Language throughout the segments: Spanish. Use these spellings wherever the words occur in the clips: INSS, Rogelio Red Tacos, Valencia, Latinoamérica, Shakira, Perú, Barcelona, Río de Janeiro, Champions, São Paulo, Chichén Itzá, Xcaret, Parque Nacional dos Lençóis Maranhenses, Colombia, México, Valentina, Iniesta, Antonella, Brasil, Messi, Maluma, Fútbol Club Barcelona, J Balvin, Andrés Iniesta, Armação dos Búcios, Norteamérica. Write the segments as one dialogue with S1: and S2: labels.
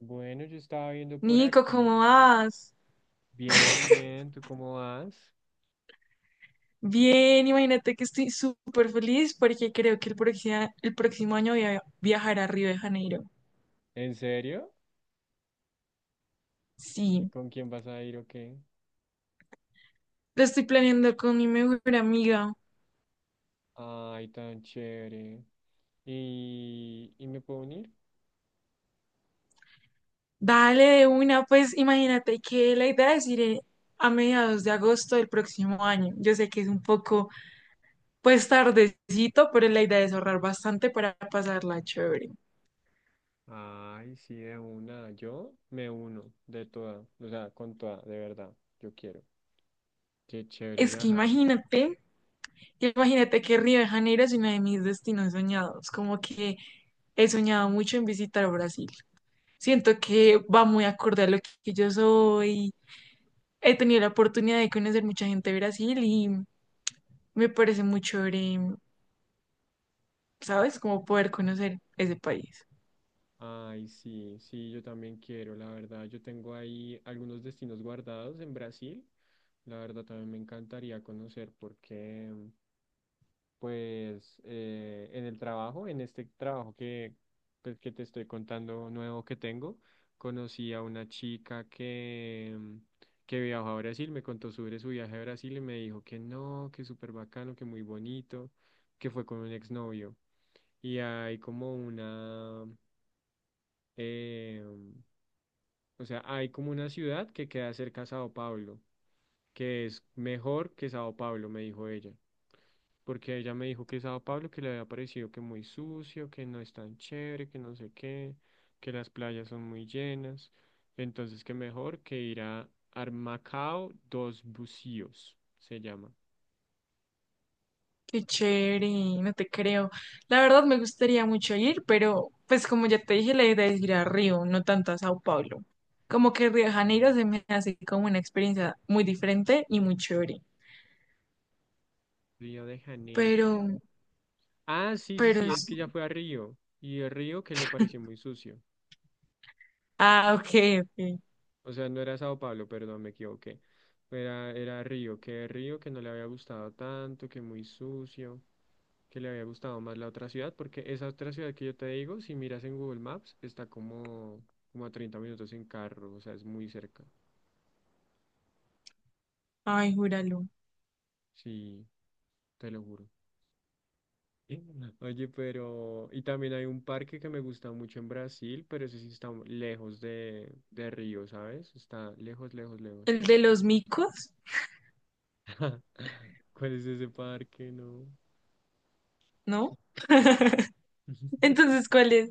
S1: Bueno, yo estaba viendo por
S2: Nico,
S1: aquí.
S2: ¿cómo vas?
S1: Bien, bien, ¿tú cómo vas?
S2: Bien, imagínate que estoy súper feliz porque creo que el próximo año voy a viajar a Río de Janeiro.
S1: ¿En serio? ¿Y
S2: Sí,
S1: con quién vas a ir o qué?
S2: lo estoy planeando con mi mejor amiga.
S1: Ay, tan chévere. Y me puedo unir?
S2: Dale de una, pues imagínate que la idea es ir a mediados de agosto del próximo año. Yo sé que es un poco, pues tardecito, pero la idea es ahorrar bastante para pasarla chévere.
S1: Ay, sí, de una. Yo me uno de toda, o sea, con toda, de verdad. Yo quiero. Qué chévere
S2: Es que
S1: viajar.
S2: imagínate. Imagínate que Río de Janeiro es uno de mis destinos soñados, como que he soñado mucho en visitar Brasil. Siento que va muy acorde a lo que yo soy. He tenido la oportunidad de conocer mucha gente de Brasil y me parece muy chévere, ¿sabes? Como poder conocer ese país.
S1: Ay, sí, sí, yo también quiero, la verdad. Yo tengo ahí algunos destinos guardados en Brasil. La verdad, también me encantaría conocer porque pues en el trabajo, en este trabajo pues que te estoy contando nuevo que tengo, conocí a una chica que viajó a Brasil, me contó sobre su viaje a Brasil y me dijo que no, que súper bacano, que muy bonito, que fue con un exnovio. Y hay como una, em, o sea, hay como una ciudad que queda cerca a Sao Paulo, que es mejor que Sao Paulo, me dijo ella. Porque ella me dijo que Sao Paulo, que le había parecido que muy sucio, que no es tan chévere, que no sé qué, que las playas son muy llenas. Entonces, que mejor que ir a Armacao dos Bucíos, se llama.
S2: Qué chévere, no te creo. La verdad me gustaría mucho ir, pero pues como ya te dije, la idea es ir a Río, no tanto a Sao Paulo. Como que Río de
S1: Ah,
S2: Janeiro se me hace como una experiencia muy diferente y muy chévere.
S1: Río de Janeiro.
S2: pero,
S1: Ah, sí, sí,
S2: pero
S1: sí, es
S2: es...
S1: que ya fue a Río. Y el Río que le pareció muy sucio.
S2: Ah, ok, ok.
S1: O sea, no era Sao Paulo, perdón, me equivoqué. Era, era Río que no le había gustado tanto, que muy sucio, que le había gustado más la otra ciudad, porque esa otra ciudad que yo te digo, si miras en Google Maps, está como, como a 30 minutos en carro, o sea, es muy cerca.
S2: Ay, júralo.
S1: Sí, te lo juro. Oye, pero... Y también hay un parque que me gusta mucho en Brasil, pero ese sí está lejos de Río, ¿sabes? Está lejos, lejos, lejos.
S2: ¿El de los micos?
S1: ¿Cuál es ese parque? No.
S2: ¿No? Entonces, ¿cuál es?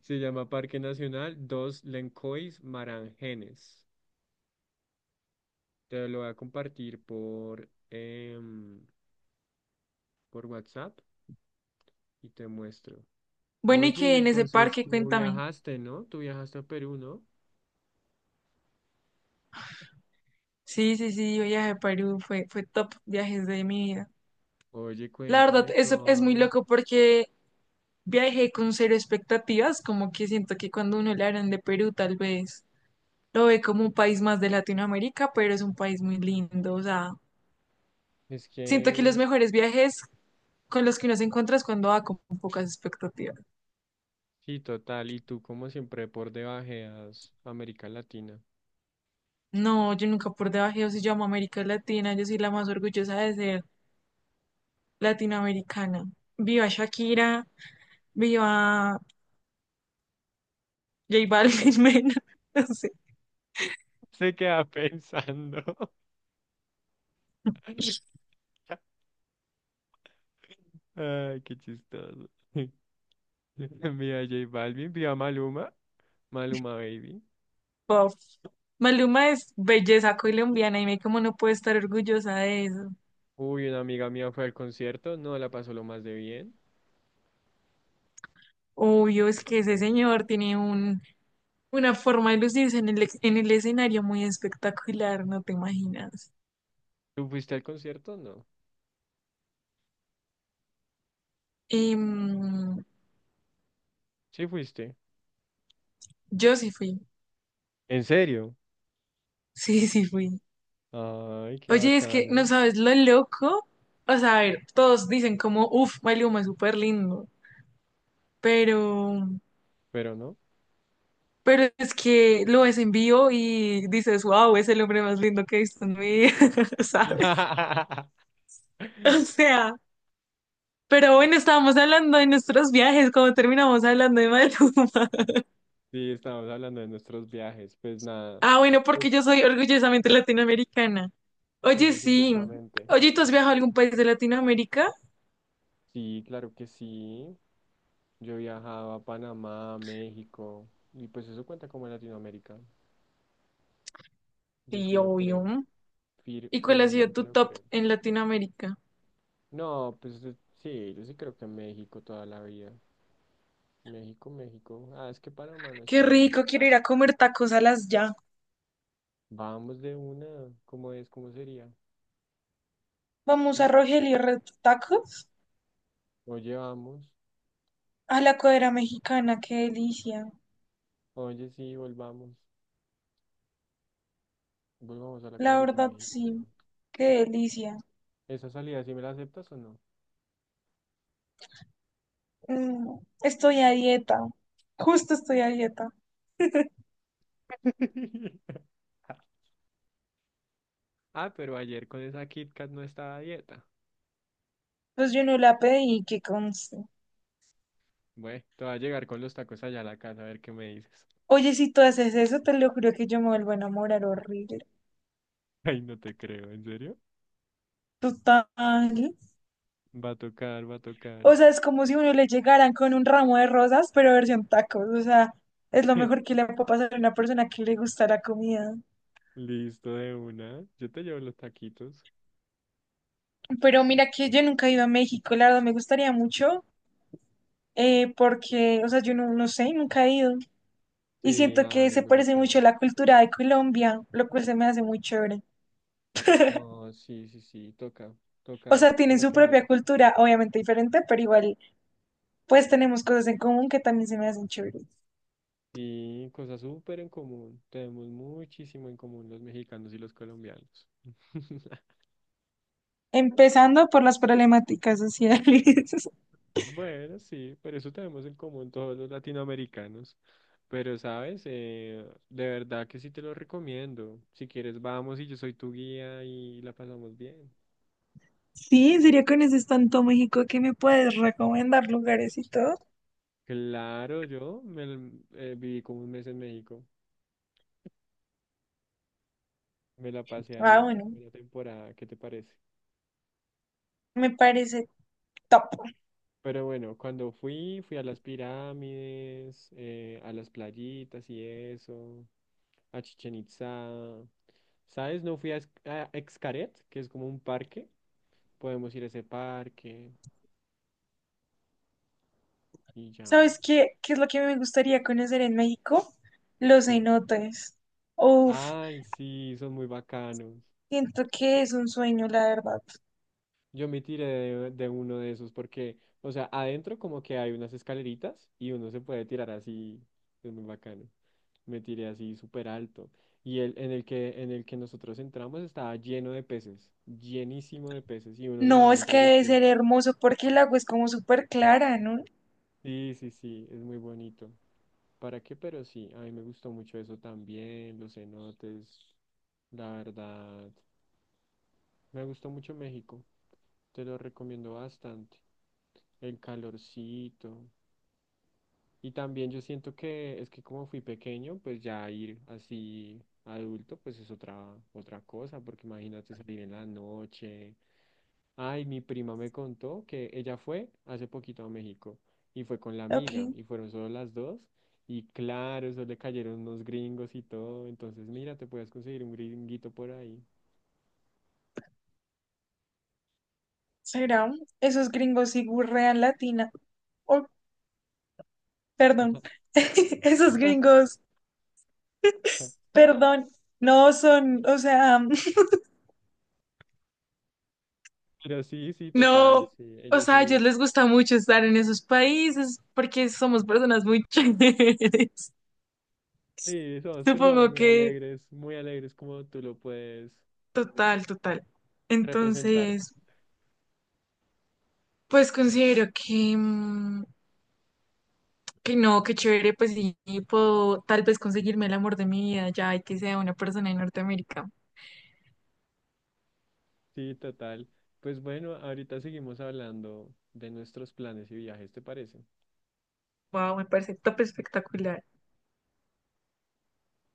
S1: Se llama Parque Nacional Dos Lencois Marangenes. Te lo voy a compartir por WhatsApp y te muestro.
S2: Bueno, y
S1: Oye, y
S2: que en ese
S1: entonces
S2: parque,
S1: tú
S2: cuéntame.
S1: viajaste, ¿no? Tú viajaste a Perú, ¿no?
S2: Sí, sí, sí, yo viajé a Perú, fue top viajes de mi vida.
S1: Oye,
S2: La verdad,
S1: cuéntame
S2: eso es muy
S1: todo.
S2: loco porque viajé con cero expectativas, como que siento que cuando uno le hablan de Perú, tal vez lo ve como un país más de Latinoamérica, pero es un país muy lindo, o sea,
S1: Es
S2: siento que los
S1: que,
S2: mejores viajes con los que uno se encuentra es cuando va con pocas expectativas.
S1: sí, total. Y tú, como siempre, por debajeas América Latina.
S2: No, yo nunca por debajo si llamo América Latina, yo soy la más orgullosa de ser latinoamericana. Viva Shakira, viva J Balvin, Mena, no sé,
S1: Se queda pensando. Ay, qué chistoso. Vio a J Balvin, vio a Maluma. Maluma Baby.
S2: pop. Maluma es belleza colombiana y me como no puedo estar orgullosa de eso.
S1: Uy, una amiga mía fue al concierto, no la pasó lo más de bien.
S2: Obvio, es
S1: Qué
S2: que ese
S1: chévere.
S2: señor tiene un, una forma de lucirse en el escenario muy espectacular, no te imaginas.
S1: ¿Tú fuiste al concierto? No.
S2: Em,
S1: Sí fuiste.
S2: yo sí fui,
S1: ¿En serio?
S2: sí, sí fui.
S1: Ay, qué
S2: Oye, es que no
S1: bacano.
S2: sabes lo loco. O sea, a ver, todos dicen como, uff, Maluma es súper lindo. Pero,
S1: Pero no.
S2: pero es que lo ves en vivo y dices, wow, es el hombre más lindo que he visto en mi vida, ¿sabes? O sea, pero bueno, estábamos hablando de nuestros viajes, como terminamos hablando de Maluma.
S1: Sí, estamos hablando de nuestros viajes. Pues nada.
S2: Ah, bueno, porque yo
S1: Pues
S2: soy orgullosamente latinoamericana. Oye,
S1: sí,
S2: sí.
S1: supuestamente.
S2: Oye, ¿tú has viajado a algún país de Latinoamérica?
S1: Sí, claro que sí. Yo viajaba a Panamá, a México. Y pues eso cuenta como Latinoamérica. Yo
S2: Sí,
S1: sí lo creo.
S2: obvio.
S1: fir-
S2: ¿Y cuál ha sido
S1: firmemente
S2: tu
S1: lo
S2: top
S1: creo.
S2: en Latinoamérica?
S1: No, pues sí, yo sí creo que México toda la vida. México, México. Ah, es que Panamá no
S2: Qué
S1: están.
S2: rico, quiero ir a comer tacos a las ya.
S1: Vamos de una. ¿Cómo es? ¿Cómo sería?
S2: Vamos a
S1: ¿Mm?
S2: Rogelio Red Tacos,
S1: Oye, vamos.
S2: a la cuadra mexicana, qué delicia.
S1: Oye, sí, volvamos. Volvamos a la
S2: La
S1: cuadrita
S2: verdad,
S1: México. ¿No?
S2: sí, qué delicia.
S1: ¿Esa salida sí me la aceptas o no?
S2: Estoy a dieta, justo estoy a dieta.
S1: Ah, pero ayer con esa Kit Kat no estaba a dieta.
S2: Pues yo no la pedí, que conste.
S1: Bueno, te voy a llegar con los tacos allá a la casa a ver qué me dices.
S2: Oye, si tú haces eso, te lo juro que yo me vuelvo a enamorar horrible.
S1: Ay, no te creo, ¿en serio?
S2: Total.
S1: Va a tocar, va a tocar.
S2: O sea, es como si uno le llegaran con un ramo de rosas, pero versión tacos. O sea, es lo mejor que le puede pasar a una persona que le gusta la comida.
S1: Listo de una. Yo te llevo los taquitos.
S2: Pero mira que yo nunca he ido a México, la verdad me gustaría mucho, porque, o sea, yo no, no sé, nunca he ido. Y
S1: Sí,
S2: siento que
S1: ay,
S2: se
S1: muy
S2: parece mucho
S1: bacano.
S2: a la cultura de Colombia, lo cual se me hace muy chévere.
S1: No, sí, sí, sí, toca,
S2: O
S1: toca,
S2: sea, tienen
S1: toca
S2: su
S1: que
S2: propia
S1: vayas.
S2: cultura, obviamente diferente, pero igual, pues tenemos cosas en común que también se me hacen chéveres.
S1: Sí, cosas súper en común. Tenemos muchísimo en común los mexicanos y los colombianos.
S2: Empezando por las problemáticas sociales.
S1: Bueno, sí, pero eso tenemos en común todos los latinoamericanos. Pero, ¿sabes? De verdad que sí te lo recomiendo. Si quieres, vamos y yo soy tu guía y la pasamos bien.
S2: Sí, ¿en serio conoces tanto México que me puedes recomendar lugares y todo?
S1: Claro, yo viví como 1 mes en México. Me la pasé
S2: Ah,
S1: ahí
S2: bueno,
S1: una temporada. ¿Qué te parece?
S2: me parece top.
S1: Pero bueno, cuando fui, fui a las pirámides, a las playitas y eso, a Chichen Itzá. ¿Sabes? No fui a Xcaret, que es como un parque. Podemos ir a ese parque y ya.
S2: ¿Sabes qué? ¿Qué es lo que me gustaría conocer en México? Los
S1: ¿Qué?
S2: cenotes. Uf,
S1: Ay, sí, son muy bacanos.
S2: siento que es un sueño, la verdad.
S1: Yo me tiré de uno de esos porque, o sea, adentro como que hay unas escaleritas y uno se puede tirar así, es muy bacano. Me tiré así súper alto. Y el en el que nosotros entramos estaba lleno de peces, llenísimo de peces y uno
S2: No,
S1: nadaba
S2: es que
S1: entre los
S2: debe ser
S1: peces.
S2: hermoso porque el agua es como súper clara, ¿no?
S1: Sí, sí, sí, es muy bonito. ¿Para qué? Pero sí, a mí me gustó mucho eso también, los cenotes, la verdad. Me gustó mucho México, te lo recomiendo bastante. El calorcito. Y también yo siento que es que como fui pequeño, pues ya ir así adulto, pues es otra, otra cosa, porque imagínate salir en la noche. Ay, mi prima me contó que ella fue hace poquito a México y fue con la
S2: Ok,
S1: amiga y fueron solo las dos y claro, eso le cayeron unos gringos y todo, entonces mira, te puedes conseguir un gringuito por ahí.
S2: será. Esos gringos y gurrean latina. Oh, perdón. Esos gringos, perdón. No son, o sea,
S1: Pero sí, sí, total,
S2: no.
S1: sí,
S2: O
S1: ellos
S2: sea, a ellos
S1: sí,
S2: les gusta mucho estar en esos países porque somos personas muy chéveres.
S1: sí, somos personas
S2: Supongo que
S1: muy alegres como tú lo puedes
S2: total, total.
S1: representar,
S2: Entonces, pues considero que, que no, que chévere, pues sí, puedo tal vez conseguirme el amor de mi vida ya y que sea una persona de Norteamérica.
S1: sí, total. Pues bueno, ahorita seguimos hablando de nuestros planes y viajes, ¿te parece?
S2: Wow, me parece top espectacular.